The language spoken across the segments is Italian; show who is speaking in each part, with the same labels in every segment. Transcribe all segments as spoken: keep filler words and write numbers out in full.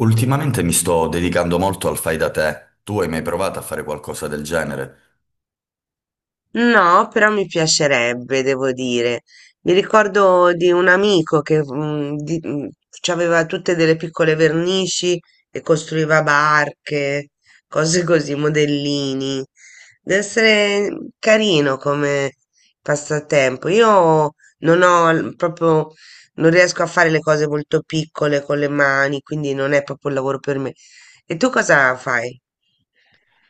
Speaker 1: Ultimamente mi sto dedicando molto al fai da te. Tu hai mai provato a fare qualcosa del genere?
Speaker 2: No, però mi piacerebbe, devo dire. Mi ricordo di un amico che mm, di- mm, ci aveva tutte delle piccole vernici e costruiva barche, cose così, modellini. Deve essere carino come passatempo. Io non ho l- proprio, non riesco a fare le cose molto piccole con le mani, quindi non è proprio un lavoro per me. E tu cosa fai?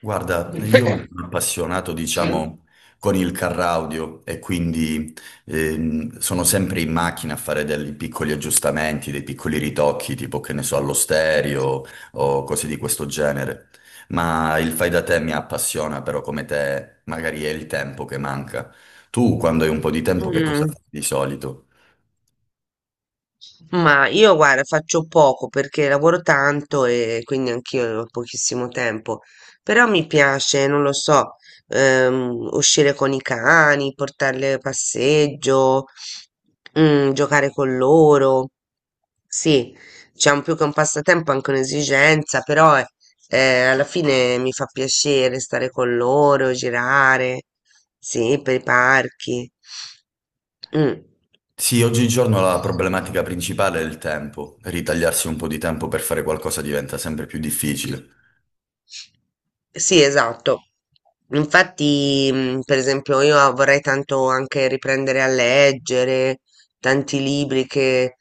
Speaker 1: Guarda, io mi sono appassionato, diciamo, con il car audio e quindi ehm, sono sempre in macchina a fare dei piccoli aggiustamenti, dei piccoli ritocchi, tipo che ne so, allo stereo o cose di questo genere. Ma il fai da te mi appassiona, però come te magari è il tempo che manca. Tu, quando hai un po' di tempo, che cosa
Speaker 2: Mh.
Speaker 1: fai di solito?
Speaker 2: Ma io guarda, faccio poco perché lavoro tanto e quindi anch'io ho pochissimo tempo, però mi piace, non lo so, ehm, uscire con i cani, portarli a passeggio, mm, giocare con loro. Sì, diciamo più che un passatempo, anche un'esigenza, però eh, eh, alla fine mi fa piacere stare con loro, girare, sì, per i parchi. Mm.
Speaker 1: Sì, oggigiorno la problematica principale è il tempo. Ritagliarsi un po' di tempo per fare qualcosa diventa sempre più
Speaker 2: Sì,
Speaker 1: difficile.
Speaker 2: sì, esatto. Infatti, mh, per esempio, io ah, vorrei tanto anche riprendere a leggere tanti libri che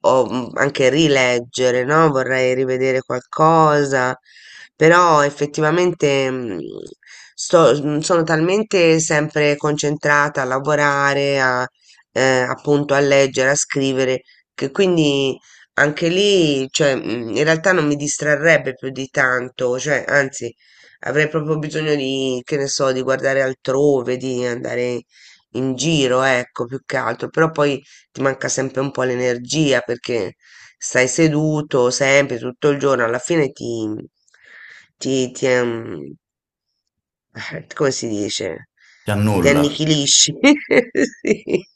Speaker 2: ho mh, anche rileggere, no? Vorrei rivedere qualcosa, però effettivamente mh, sto- mh, sono talmente sempre concentrata a lavorare, a, eh, appunto a leggere, a scrivere, che quindi anche lì, cioè, mh, in realtà non mi distrarrebbe più di tanto, cioè, anzi, avrei proprio bisogno di, che ne so, di guardare altrove, di andare in giro, ecco, più che altro. Però poi ti manca sempre un po' l'energia perché stai seduto sempre, tutto il giorno, alla fine ti, ti, ti, ehm, come si dice?
Speaker 1: Ti
Speaker 2: Ti
Speaker 1: annulla.
Speaker 2: annichilisci. Sì.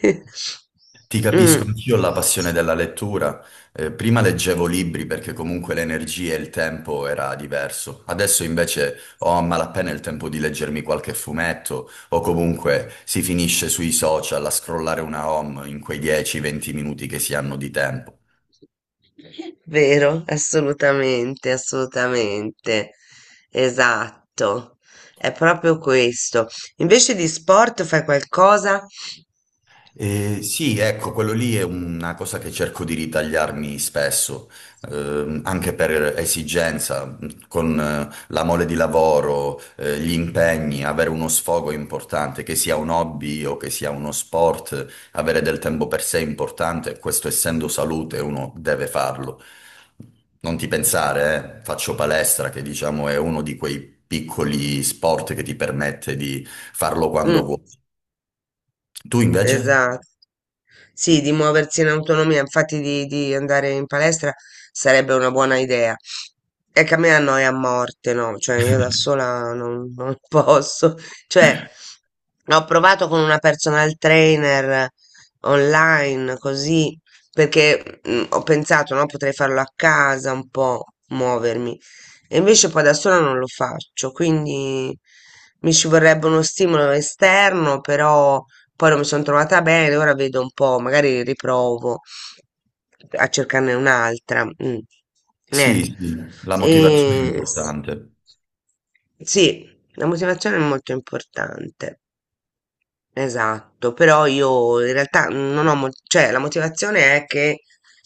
Speaker 1: Ti
Speaker 2: Mm.
Speaker 1: capisco, anch'io ho la passione della lettura. Eh, prima leggevo libri perché comunque l'energia e il tempo era diverso. Adesso invece ho a malapena il tempo di leggermi qualche fumetto o comunque si finisce sui social a scrollare una home in quei dieci venti minuti che si hanno di tempo.
Speaker 2: Vero, assolutamente, assolutamente. Esatto. È proprio questo. Invece di sport fai qualcosa?
Speaker 1: Eh, sì, ecco, quello lì è una cosa che cerco di ritagliarmi spesso, ehm, anche per esigenza, mh, con eh, la mole di lavoro, eh, gli impegni, avere uno sfogo è importante, che sia un hobby o che sia uno sport, avere del tempo per sé è importante, questo essendo salute uno deve farlo. Non ti pensare, eh, faccio palestra, che diciamo è uno di quei piccoli sport che ti permette di farlo quando vuoi.
Speaker 2: Mm.
Speaker 1: Tu invece?
Speaker 2: Esatto. Sì, di muoversi in autonomia, infatti di, di andare in palestra sarebbe una buona idea. È che a me annoia a morte, no? Cioè io da sola non, non posso. Cioè, ho provato con una personal trainer online, così, perché mm, ho pensato, no, potrei farlo a casa un po', muovermi. E invece poi da sola non lo faccio, quindi mi ci vorrebbe uno stimolo esterno, però poi non mi sono trovata bene, ora vedo un po', magari riprovo a cercarne un'altra. Mm.
Speaker 1: Sì,
Speaker 2: Eh,
Speaker 1: sì, la
Speaker 2: sì.
Speaker 1: motivazione è
Speaker 2: e s-
Speaker 1: importante.
Speaker 2: sì, la motivazione è molto importante. Esatto, però io in realtà non ho, mo- cioè la motivazione è che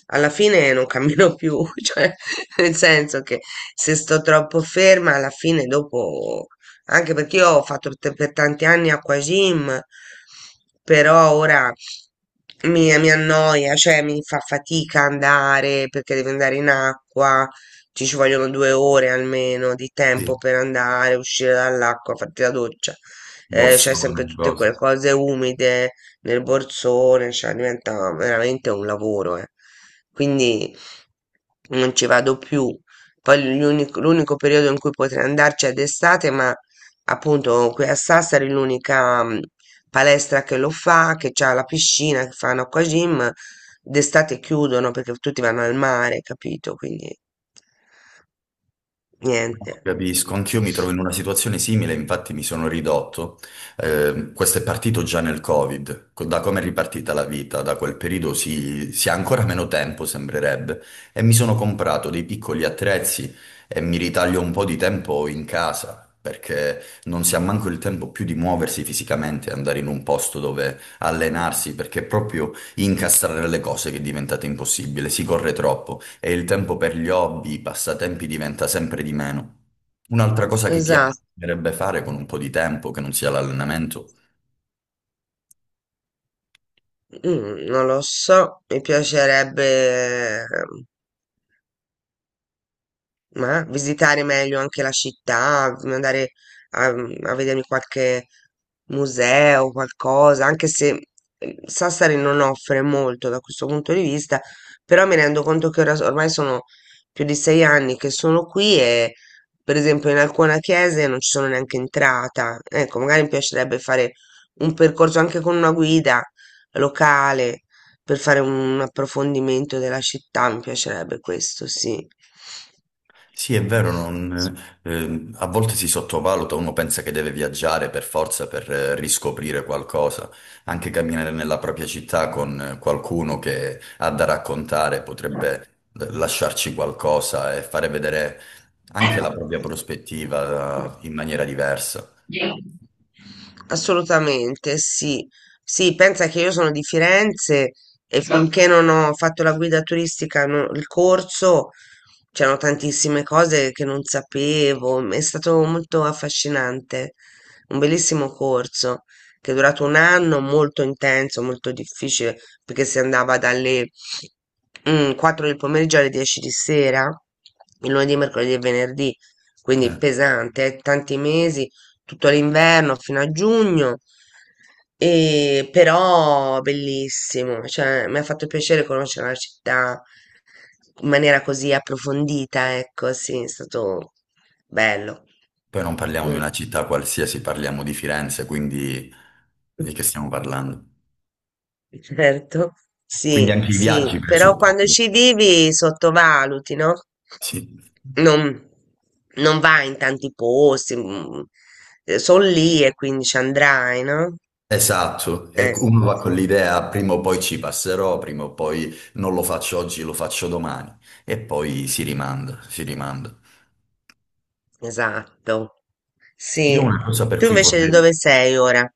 Speaker 2: alla fine non cammino più, cioè nel senso che se sto troppo ferma alla fine dopo, anche perché io ho fatto t- per tanti anni acquagym, però ora mi, mi annoia, cioè mi fa fatica andare perché devo andare in acqua, ci ci vogliono due ore almeno di
Speaker 1: Sì.
Speaker 2: tempo per andare, uscire dall'acqua, farti la doccia, eh, c'hai
Speaker 1: Borsone,
Speaker 2: sempre tutte
Speaker 1: cose.
Speaker 2: quelle cose umide nel borsone, cioè diventa veramente un lavoro, eh. Quindi non ci vado più. Poi l'unico l'unico periodo in cui potrei andarci è d'estate, ma appunto qui a Sassari l'unica mm, palestra che lo fa, che c'ha la piscina, che fanno acqua gym, d'estate chiudono perché tutti vanno al mare, capito? Quindi niente.
Speaker 1: Capisco, anch'io mi trovo in una situazione simile, infatti mi sono ridotto. Eh, questo è partito già nel Covid, co- da come è ripartita la vita, da quel periodo si, si ha ancora meno tempo, sembrerebbe, e mi sono comprato dei piccoli attrezzi e mi ritaglio un po' di tempo in casa, perché non si ha manco il tempo più di muoversi fisicamente, andare in un posto dove allenarsi, perché è proprio incastrare le cose che è diventate impossibile, si corre troppo e il tempo per gli hobby, i passatempi diventa sempre di meno. Un'altra cosa che ti
Speaker 2: Esatto.
Speaker 1: piacerebbe fare con un po' di tempo, che non sia l'allenamento.
Speaker 2: Mhmm, non lo so, mi piacerebbe, ehm, ma visitare meglio anche la città, v andare a mhmm, a vedermi qualche museo, qualcosa, anche se, ehm, Sassari non offre molto da questo punto di vista, però mi rendo conto che ora s ormai sono più di sei anni che sono qui e, per esempio, in alcune chiese non ci sono neanche entrata. Ecco, magari mi piacerebbe fare un percorso anche con una guida locale. Per fare un approfondimento della città, mi piacerebbe questo, sì.
Speaker 1: Sì, è vero, non- ehm, a volte si sottovaluta, uno pensa che deve viaggiare per forza per eh, riscoprire qualcosa, anche camminare nella propria città con eh, qualcuno che ha da raccontare potrebbe eh, lasciarci qualcosa e fare vedere anche la propria prospettiva eh, in maniera diversa.
Speaker 2: Assolutamente, sì. Sì, pensa che io sono di Firenze e finché non ho fatto la guida turistica, no- il corso, c'erano tantissime cose che non sapevo. È stato molto affascinante, un bellissimo corso che è durato un anno, molto intenso, molto difficile, perché si andava dalle mm, quattro del pomeriggio alle dieci di sera, il lunedì, mercoledì e venerdì, quindi
Speaker 1: Eh,
Speaker 2: pesante, eh, tanti mesi, tutto l'inverno fino a giugno, e però bellissimo, cioè mi ha fatto piacere conoscere la città in maniera così approfondita, ecco, sì, è stato bello.
Speaker 1: Poi non parliamo di
Speaker 2: Mm.
Speaker 1: una città qualsiasi, parliamo di Firenze, quindi di che stiamo parlando?
Speaker 2: Certo,
Speaker 1: Quindi
Speaker 2: sì,
Speaker 1: anche i
Speaker 2: sì,
Speaker 1: viaggi,
Speaker 2: però
Speaker 1: presuppongo.
Speaker 2: quando ci vivi sottovaluti, no?
Speaker 1: Sì.
Speaker 2: Non, non vai in tanti posti, mm, eh, sono lì e quindi ci andrai, no?
Speaker 1: Esatto, e
Speaker 2: Eh,
Speaker 1: uno va con l'idea, prima o poi ci passerò, prima o poi non lo faccio oggi, lo faccio domani, e poi si rimanda, si rimanda.
Speaker 2: esatto,
Speaker 1: Io
Speaker 2: sì.
Speaker 1: una cosa per
Speaker 2: Tu
Speaker 1: cui
Speaker 2: invece di
Speaker 1: vorrei.
Speaker 2: dove sei ora?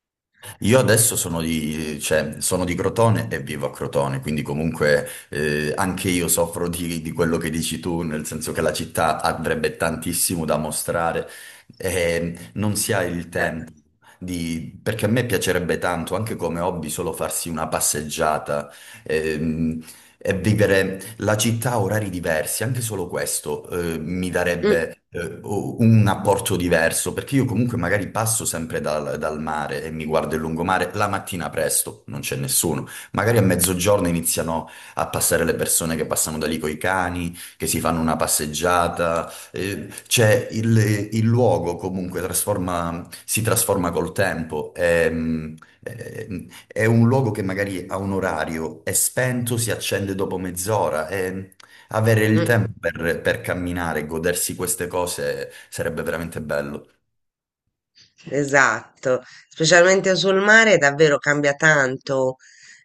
Speaker 1: Io adesso sono di, cioè, sono di Crotone e vivo a Crotone, quindi comunque eh, anche io soffro di, di quello che dici tu, nel senso che la città avrebbe tantissimo da mostrare e non si ha il
Speaker 2: Eh,
Speaker 1: tempo di- perché a me piacerebbe tanto, anche come hobby, solo farsi una passeggiata ehm, e vivere la città ha orari diversi, anche solo questo eh, mi
Speaker 2: mm,
Speaker 1: darebbe eh, o- un apporto diverso, perché io comunque magari passo sempre dal, dal mare e mi guardo il lungomare la mattina presto, non c'è nessuno. Magari a mezzogiorno iniziano a passare le persone che passano da lì coi cani, che si fanno una passeggiata. Eh, c'è il, il luogo comunque trasforma- si trasforma col tempo. E, mm, eh, è un luogo che magari ha un orario, è spento, si accende dopo mezz'ora e avere il Mm.
Speaker 2: mm.
Speaker 1: tempo per, per camminare e godersi queste cose sarebbe veramente bello.
Speaker 2: Esatto, specialmente sul mare davvero cambia tanto,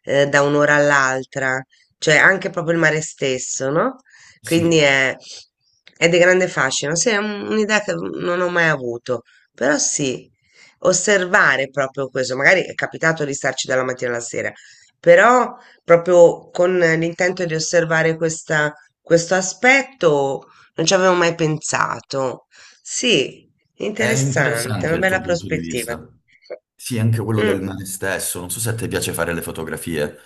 Speaker 2: eh, da un'ora all'altra, cioè anche proprio il mare stesso, no? Quindi
Speaker 1: Sì,
Speaker 2: è, è di grande fascino, sì, è un- un'idea che non ho mai avuto, però sì, osservare proprio questo, magari è capitato di starci dalla mattina alla sera, però proprio con l'intento di osservare questa- questo aspetto non ci avevo mai pensato. Sì,
Speaker 1: è
Speaker 2: interessante,
Speaker 1: interessante
Speaker 2: una
Speaker 1: il tuo
Speaker 2: bella
Speaker 1: punto di
Speaker 2: prospettiva.
Speaker 1: vista. Sì, anche quello del
Speaker 2: Mm,
Speaker 1: mare stesso. Non so se a te piace fare le fotografie.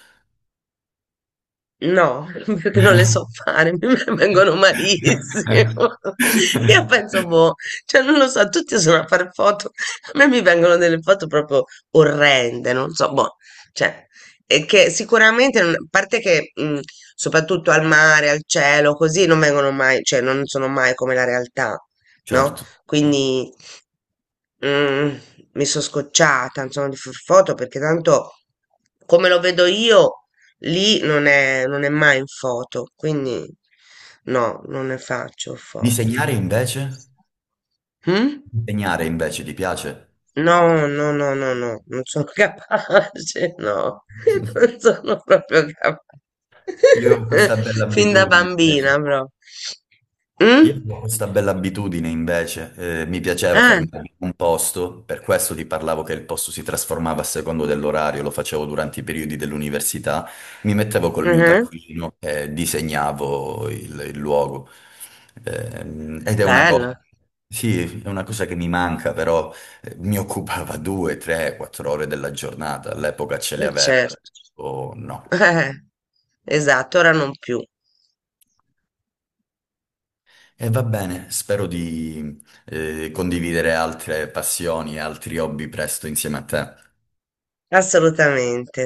Speaker 2: no, perché non le so fare, mi vengono malissimo. Io penso, boh, cioè non lo so, tutti sono a fare foto, a me mi vengono delle foto proprio orrende, non so, boh, cioè, e che sicuramente, non- a parte che mm, soprattutto al mare, al cielo, così non vengono mai, cioè non sono mai come la realtà, no?
Speaker 1: Certo.
Speaker 2: Quindi, mm, mi sono scocciata, insomma, di far foto perché tanto come lo vedo io, lì non è, non è mai in foto, quindi no, non ne faccio foto.
Speaker 1: Disegnare invece?
Speaker 2: Mm?
Speaker 1: Disegnare invece ti piace?
Speaker 2: No, no, no, no, no, non sono capace, no, non sono proprio capace.
Speaker 1: Io ho questa bella
Speaker 2: Fin da
Speaker 1: abitudine
Speaker 2: bambina,
Speaker 1: invece.
Speaker 2: proprio.
Speaker 1: Io
Speaker 2: Mm?
Speaker 1: avevo questa bella abitudine invece, eh, mi piaceva
Speaker 2: Eh,
Speaker 1: fermarmi in un posto, per questo ti parlavo che il posto si trasformava a secondo dell'orario, lo facevo durante i periodi dell'università, mi mettevo col mio
Speaker 2: mhm,
Speaker 1: taccuino e disegnavo il, il luogo. Ehm, ed è una cosa,
Speaker 2: bello,
Speaker 1: sì, è una cosa che mi manca, però eh, mi occupava due, tre, quattro ore della giornata, all'epoca ce le
Speaker 2: eh,
Speaker 1: avevo,
Speaker 2: certo.
Speaker 1: o no.
Speaker 2: Eh, esatto, ora non più,
Speaker 1: E va bene, spero di eh, condividere altre passioni e altri hobby presto insieme a te.
Speaker 2: assolutamente.